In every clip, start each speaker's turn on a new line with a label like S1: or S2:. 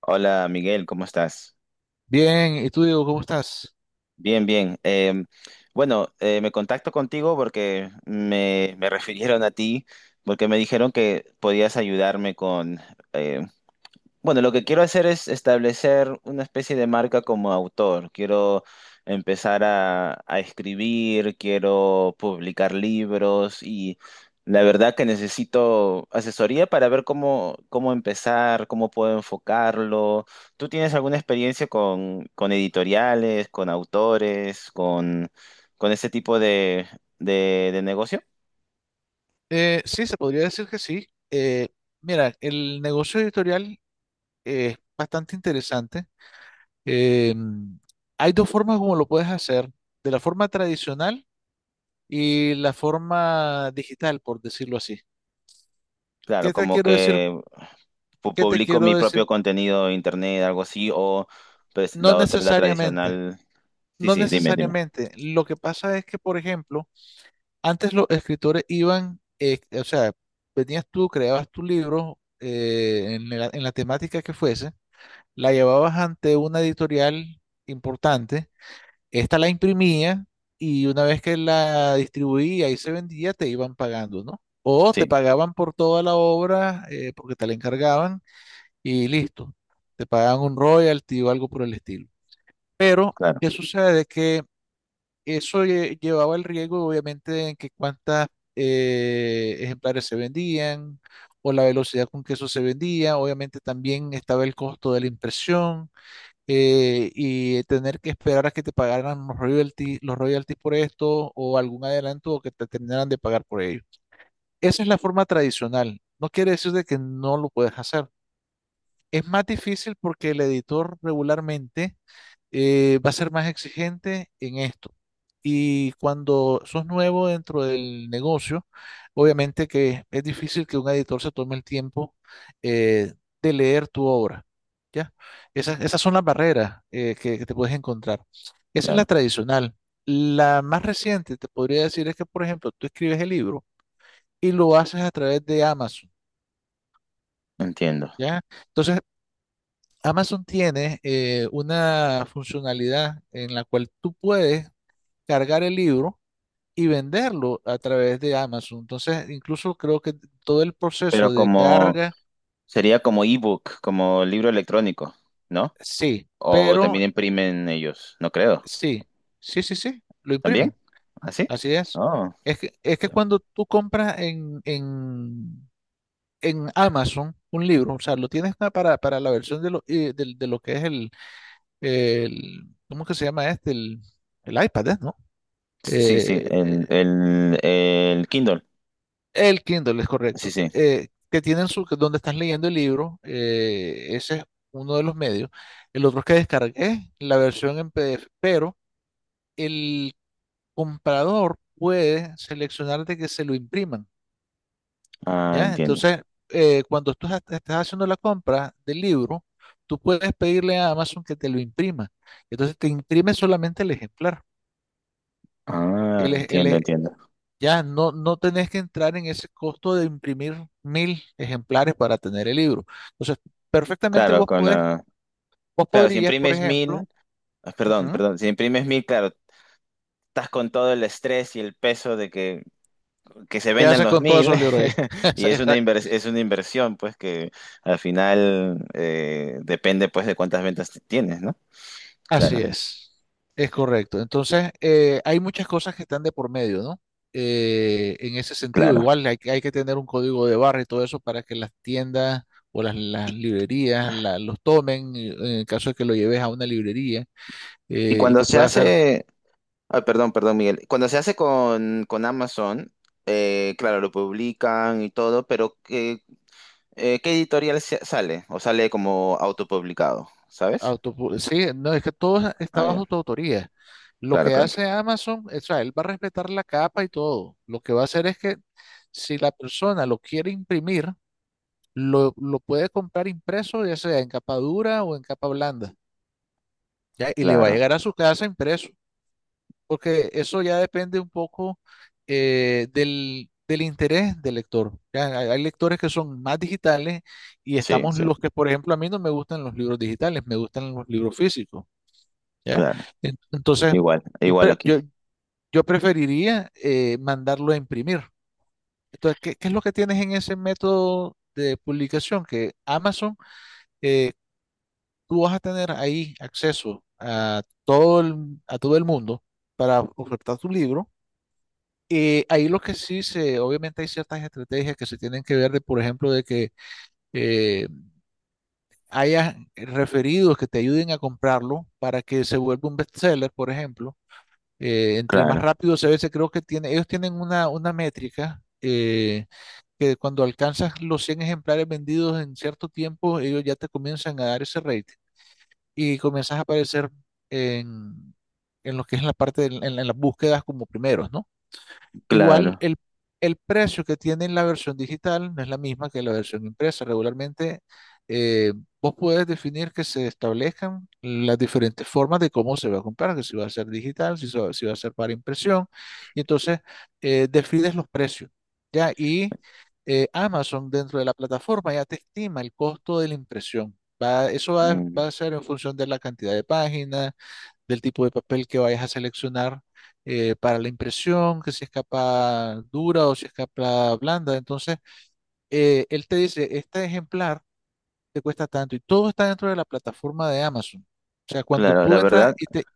S1: Hola Miguel, ¿cómo estás?
S2: Bien, ¿y tú, Diego, cómo estás?
S1: Bien, bien. Me contacto contigo porque me refirieron a ti, porque me dijeron que podías ayudarme con eh, bueno, lo que quiero hacer es establecer una especie de marca como autor. Quiero empezar a escribir, quiero publicar libros y la verdad que necesito asesoría para ver cómo empezar, cómo puedo enfocarlo. ¿Tú tienes alguna experiencia con editoriales, con autores, con ese tipo de negocio?
S2: Sí, se podría decir que sí. Mira, el negocio editorial es bastante interesante. Eh, Hay dos formas como lo puedes hacer, de la forma tradicional y la forma digital, por decirlo así.
S1: Claro,
S2: ¿Qué te
S1: como
S2: quiero decir?
S1: que...
S2: ¿Qué te
S1: publico
S2: quiero
S1: mi propio
S2: decir?
S1: contenido en internet, algo así, o pues
S2: No
S1: la otra, la
S2: necesariamente,
S1: tradicional. Sí,
S2: no
S1: sí, dime.
S2: necesariamente. Lo que pasa es que, por ejemplo, antes los escritores iban, o sea, venías tú, creabas tu libro en la temática que fuese, la llevabas ante una editorial importante, esta la imprimía y una vez que la distribuía y se vendía, te iban pagando, ¿no? O te
S1: Sí,
S2: pagaban por toda la obra porque te la encargaban y listo, te pagaban un royalty o algo por el estilo. Pero,
S1: claro,
S2: ¿qué sucede? Que eso llevaba el riesgo, obviamente, en que cuántas ejemplares se vendían o la velocidad con que eso se vendía. Obviamente también estaba el costo de la impresión y tener que esperar a que te pagaran los royalties por esto o algún adelanto o que te terminaran de pagar por ello. Esa es la forma tradicional. No quiere decir de que no lo puedes hacer. Es más difícil porque el editor regularmente va a ser más exigente en esto. Y cuando sos nuevo dentro del negocio, obviamente que es difícil que un editor se tome el tiempo eh, de leer tu obra, ¿ya? Esas son las barreras que te puedes encontrar. Esa es la
S1: claro,
S2: tradicional. La más reciente, te podría decir, es que, por ejemplo, tú escribes el libro y lo haces a través de Amazon,
S1: entiendo.
S2: ¿ya? Entonces, Amazon tiene una funcionalidad en la cual tú puedes cargar el libro y venderlo a través de Amazon. Entonces, incluso creo que todo el
S1: Pero
S2: proceso de
S1: como
S2: carga,
S1: sería como ebook, como libro electrónico, ¿no?
S2: sí,
S1: O
S2: pero
S1: también imprimen ellos, no creo.
S2: sí, sí, sí, sí, lo
S1: ¿También?
S2: imprimen.
S1: ¿Así?
S2: Así es.
S1: Oh,
S2: Es que
S1: ya.
S2: cuando tú compras en Amazon un libro, o sea, lo tienes para la versión de lo que es ¿cómo que se llama este? El iPad, ¿no?
S1: Sí, sí,
S2: Eh,
S1: el Kindle.
S2: El Kindle es
S1: Sí,
S2: correcto,
S1: sí.
S2: que tienen que donde estás leyendo el libro, ese es uno de los medios. El otro es que descargué la versión en PDF, pero el comprador puede seleccionar de que se lo impriman,
S1: Ah,
S2: ¿ya?
S1: entiendo.
S2: Entonces, cuando tú estás haciendo la compra del libro, tú puedes pedirle a Amazon que te lo imprima. Entonces, te imprime solamente el ejemplar.
S1: Ah,
S2: El, e-
S1: entiendo,
S2: e-
S1: entiendo.
S2: Ya, no, no tenés que entrar en ese costo de imprimir 1000 ejemplares para tener el libro. Entonces, perfectamente
S1: Claro, con la...
S2: vos
S1: Claro, si
S2: podrías, por
S1: imprimes
S2: ejemplo,
S1: mil, ah,
S2: ujú,
S1: perdón, si imprimes mil, claro, estás con todo el estrés y el peso de que se
S2: ¿qué
S1: vendan
S2: haces
S1: los
S2: con todos
S1: mil
S2: esos libros ahí?
S1: y
S2: Esa-
S1: es una
S2: esa-
S1: es una inversión, pues, que al final, depende, pues, de cuántas ventas tienes, ¿no?
S2: Así
S1: Claro,
S2: es correcto. Entonces, hay muchas cosas que están de por medio, ¿no? En ese sentido,
S1: claro.
S2: igual que hay que tener un código de barra y todo eso para que las tiendas o las librerías los tomen, en el caso de que lo lleves a una librería
S1: Y
S2: y
S1: cuando
S2: que
S1: se
S2: pueda ser...
S1: hace, ah, perdón, Miguel, cuando se hace con Amazon, claro, lo publican y todo, pero ¿qué editorial sale? ¿O sale como autopublicado? ¿Sabes?
S2: Sí, no, es que todo está
S1: Ah, ya.
S2: bajo tu autoría. Lo
S1: Claro,
S2: que
S1: claro.
S2: hace Amazon, o sea, él va a respetar la capa y todo. Lo que va a hacer es que si la persona lo quiere imprimir, lo puede comprar impreso, ya sea en capa dura o en capa blanda, ¿ya? Y le va a
S1: Claro.
S2: llegar a su casa impreso, porque eso ya depende un poco del interés del lector. ¿Ya? Hay lectores que son más digitales y
S1: Sí,
S2: estamos
S1: sí.
S2: los que, por ejemplo, a mí no me gustan los libros digitales, me gustan los libros físicos. ¿Ya?
S1: Claro.
S2: Entonces,
S1: Igual,
S2: yo,
S1: igual
S2: pre-
S1: aquí.
S2: yo, yo preferiría mandarlo a imprimir. Entonces, ¿qué es lo que tienes en ese método de publicación. Que Amazon, eh, tú vas a tener ahí acceso a todo el mundo para ofertar tu libro. Ahí lo que sí se, obviamente hay ciertas estrategias que se tienen que ver de, por ejemplo, de que eh, haya referidos que te ayuden a comprarlo para que se vuelva un bestseller, por ejemplo, entre más
S1: Claro,
S2: rápido a veces creo que tiene, ellos tienen una métrica, que cuando alcanzas los 100 ejemplares vendidos en cierto tiempo, ellos ya te comienzan a dar ese rating y comienzas a aparecer en, en lo que es la parte, en las búsquedas como primeros, ¿no? Igual
S1: claro.
S2: el precio que tiene en la versión digital no es la misma que la versión impresa. Regularmente eh, vos puedes definir que se establezcan las diferentes formas de cómo se va a comprar, que si va a ser digital, si va a ser para impresión, y entonces defines los precios, ¿ya? Y Amazon dentro de la plataforma ya te estima el costo de la impresión. Va- eso va,
S1: Mm,
S2: va a ser en función de la cantidad de páginas, del tipo de papel que vayas a seleccionar para la impresión, que si es capa dura o si es capa blanda. Entonces, él te dice, este ejemplar te cuesta tanto y todo está dentro de la plataforma de Amazon. O sea, cuando
S1: claro, la
S2: tú entras
S1: verdad,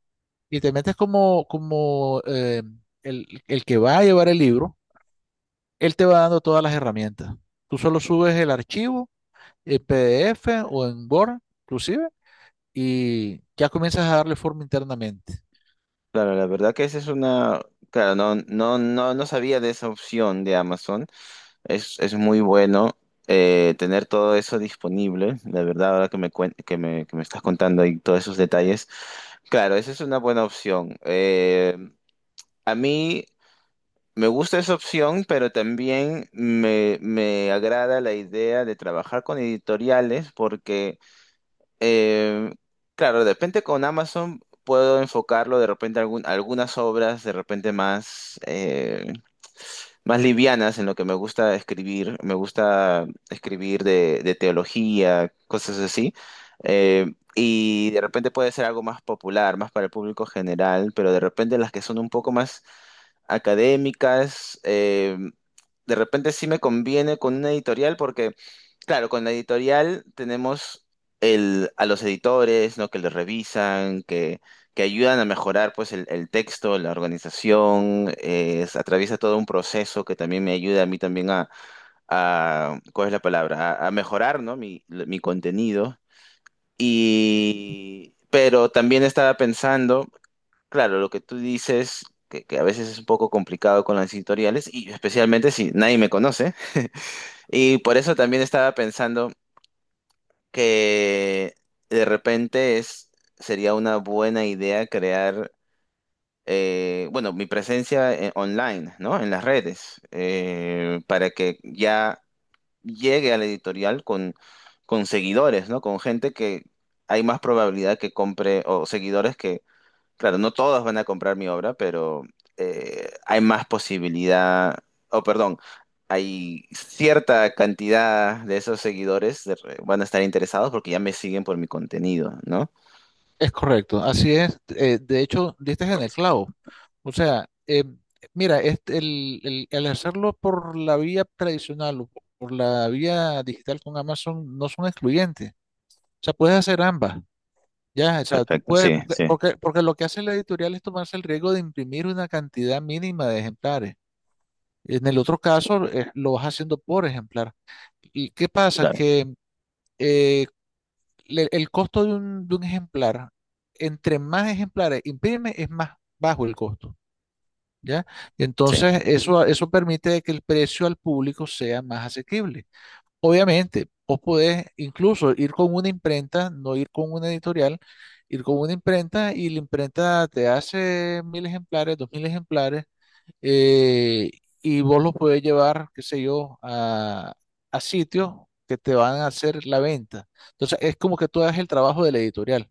S2: y te metes como, como el que va a llevar el libro, él te va dando todas las herramientas. Tú solo subes el archivo en PDF o en Word, inclusive, y ya comienzas a darle forma internamente.
S1: claro, la verdad que esa es una. Claro, no, no, no, no sabía de esa opción de Amazon. Es muy bueno tener todo eso disponible. La verdad, ahora que me, cuen- que me estás contando ahí todos esos detalles. Claro, esa es una buena opción. A mí. Me gusta esa opción, pero también me agrada la idea de trabajar con editoriales porque, eh, claro, de repente con Amazon puedo enfocarlo de repente a algunas obras de repente más, más livianas en lo que me gusta escribir. Me gusta escribir de teología, cosas así. Eh, y de repente puede ser algo más popular, más para el público general, pero de repente las que son un poco más académicas. De repente sí me conviene con una editorial porque, claro, con la editorial tenemos el, a los editores, ¿no? Que les que ayudan a mejorar pues el texto, la organización, atraviesa todo un proceso que también me ayuda a mí también a, ¿cuál es la palabra? A mejorar, ¿no? Mi contenido. Y, pero también estaba pensando... Claro, lo que tú dices, que a veces es un poco complicado con las editoriales, y especialmente si nadie me conoce. Y por eso también estaba pensando que de repente es, sería una buena idea crear, bueno, mi presencia online, ¿no? En las redes, para que ya llegue a la editorial con seguidores, ¿no? Con gente que hay más probabilidad que compre, o seguidores que claro, no todos van a comprar mi obra, pero hay más posibilidad, o perdón, hay cierta cantidad de esos seguidores de van a estar interesados porque ya me siguen por mi contenido, ¿no?
S2: Es correcto, así es. De hecho, diste en el clavo. O sea, mira, este, el hacerlo por la vía tradicional o por la vía digital con Amazon no son excluyentes. O sea, puedes hacer ambas. Ya, o sea, tú
S1: Perfecto,
S2: puedes,
S1: sí,
S2: porque,
S1: sí,
S2: porque, porque lo que hace la editorial es tomarse el riesgo de imprimir una cantidad mínima de ejemplares. En el otro caso, lo vas haciendo por ejemplar. ¿Y qué pasa?
S1: claro,
S2: Que eh, el costo de un ejemplar, entre más ejemplares imprime, es más bajo el costo, ¿ya?
S1: sí,
S2: Entonces, eso permite de que el precio al público sea más asequible. Obviamente, vos podés incluso ir con una imprenta, no ir con una editorial, ir con una imprenta y la imprenta te hace 1000 ejemplares, 2000 ejemplares, eh, y vos los podés llevar, qué sé yo, a sitios que te van a hacer la venta. Entonces, es como que tú hagas el trabajo de la editorial.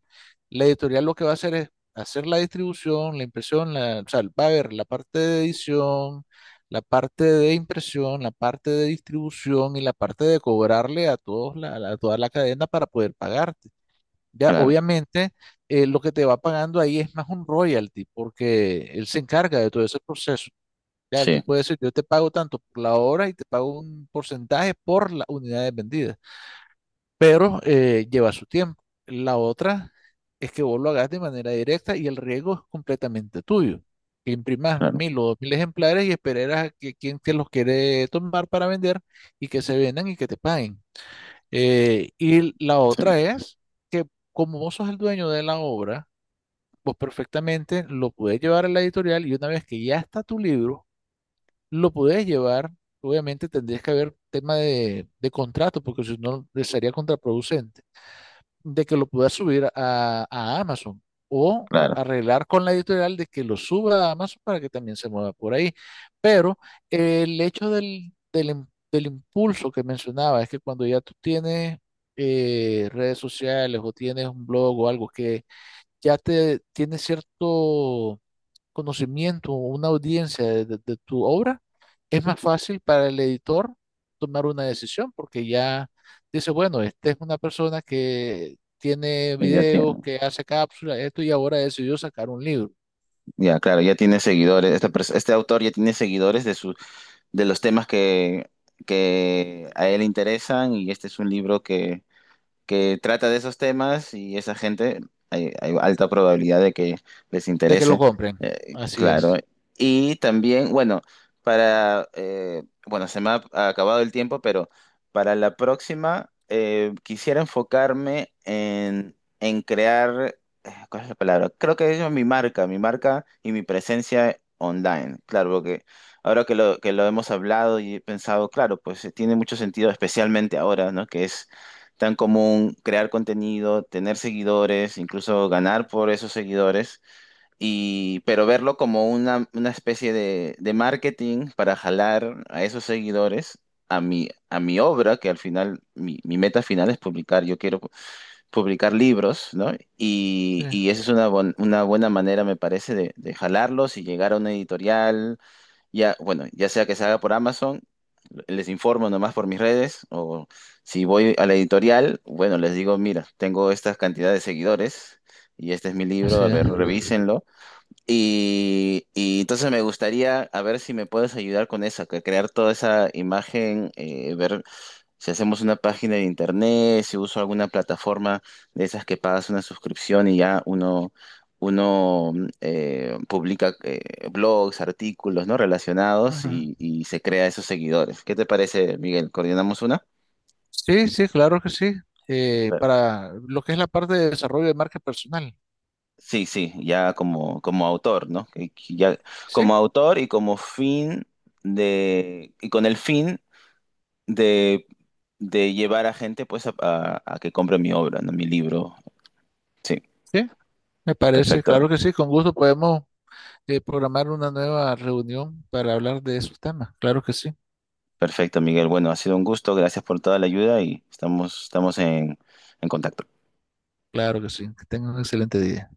S2: La editorial lo que va a hacer es hacer la distribución, la impresión, o sea, va a ver la parte de edición, la parte de impresión, la parte de distribución y la parte de cobrarle a todos a toda la cadena para poder pagarte. Ya,
S1: claro,
S2: obviamente, lo que te va pagando ahí es más un royalty, porque él se encarga de todo ese proceso. Ya, él te
S1: sí,
S2: puede decir, yo te pago tanto por la hora y te pago un porcentaje por las unidades vendidas, pero lleva su tiempo. La otra es que vos lo hagas de manera directa y el riesgo es completamente tuyo. Que imprimas
S1: claro,
S2: 1000 o 2000 ejemplares y esperarás a que quien te los quiere tomar para vender y que se vendan y que te paguen. Y la
S1: sí,
S2: otra es que como vos sos el dueño de la obra, vos perfectamente lo puedes llevar a la editorial y una vez que ya está tu libro, lo podés llevar, obviamente tendrías que haber tema de contrato, porque si no le sería contraproducente, de que lo puedas subir a Amazon o
S1: claro.
S2: arreglar con la editorial de que lo suba a Amazon para que también se mueva por ahí. Pero el hecho del impulso que mencionaba es que cuando ya tú tienes redes sociales o tienes un blog o algo que ya te tiene cierto conocimiento, o una audiencia de tu obra, es más fácil para el editor tomar una decisión porque ya dice, bueno, esta es una persona que tiene
S1: Y ya
S2: videos,
S1: tiene,
S2: que hace cápsulas, esto y ahora decidió sacar un libro,
S1: ya, claro, ya tiene seguidores. Esta este autor ya tiene seguidores de su, de los temas que a él interesan, y este es un libro que trata de esos temas y esa gente, hay alta probabilidad de que les
S2: de que lo
S1: interese,
S2: compren. Así
S1: claro.
S2: es.
S1: Y también, bueno, para, bueno, se me ha acabado el tiempo, pero para la próxima quisiera enfocarme en crear, ¿cuál es la palabra? Creo que es mi marca y mi presencia online, claro, porque... Ahora que que lo hemos hablado y he pensado, claro, pues tiene mucho sentido, especialmente ahora, ¿no? Que es tan común crear contenido, tener seguidores, incluso ganar por esos seguidores, y, pero verlo como una especie de marketing para jalar a esos seguidores a a mi obra, que al final, mi meta final es publicar, yo quiero publicar libros, ¿no?
S2: Sí,
S1: Y esa es una, una buena manera, me parece, de jalarlos y llegar a una editorial ya, bueno, ya sea que se haga por Amazon, les informo nomás por mis redes, o si voy a la editorial, bueno, les digo, mira, tengo esta cantidad de seguidores y este es mi libro,
S2: así
S1: a
S2: es.
S1: ver, revísenlo. Y entonces me gustaría, a ver si me puedes ayudar con eso, que crear toda esa imagen, ver si hacemos una página de internet, si uso alguna plataforma de esas que pagas una suscripción y ya uno, uno publica blogs, artículos, ¿no? Relacionados
S2: Ujú.
S1: y se crea esos seguidores. ¿Qué te parece, Miguel? ¿Coordinamos una?
S2: Sí, sí, claro que sí.
S1: Pero-
S2: Para lo que es la parte de desarrollo de marca personal.
S1: sí, sí, ya como, como autor, ¿no? Que ya,
S2: Sí,
S1: como autor y como fin de, y con el fin de, de llevar a gente pues a, a que compre mi obra, ¿no? Mi libro. Sí,
S2: sí, me parece,
S1: perfecto.
S2: claro que sí, con gusto podemos programar una nueva reunión para hablar de esos temas. Claro que sí,
S1: Perfecto, Miguel. Bueno, ha sido un gusto. Gracias por toda la ayuda y estamos, estamos en contacto.
S2: claro que sí. Que tengan un excelente día.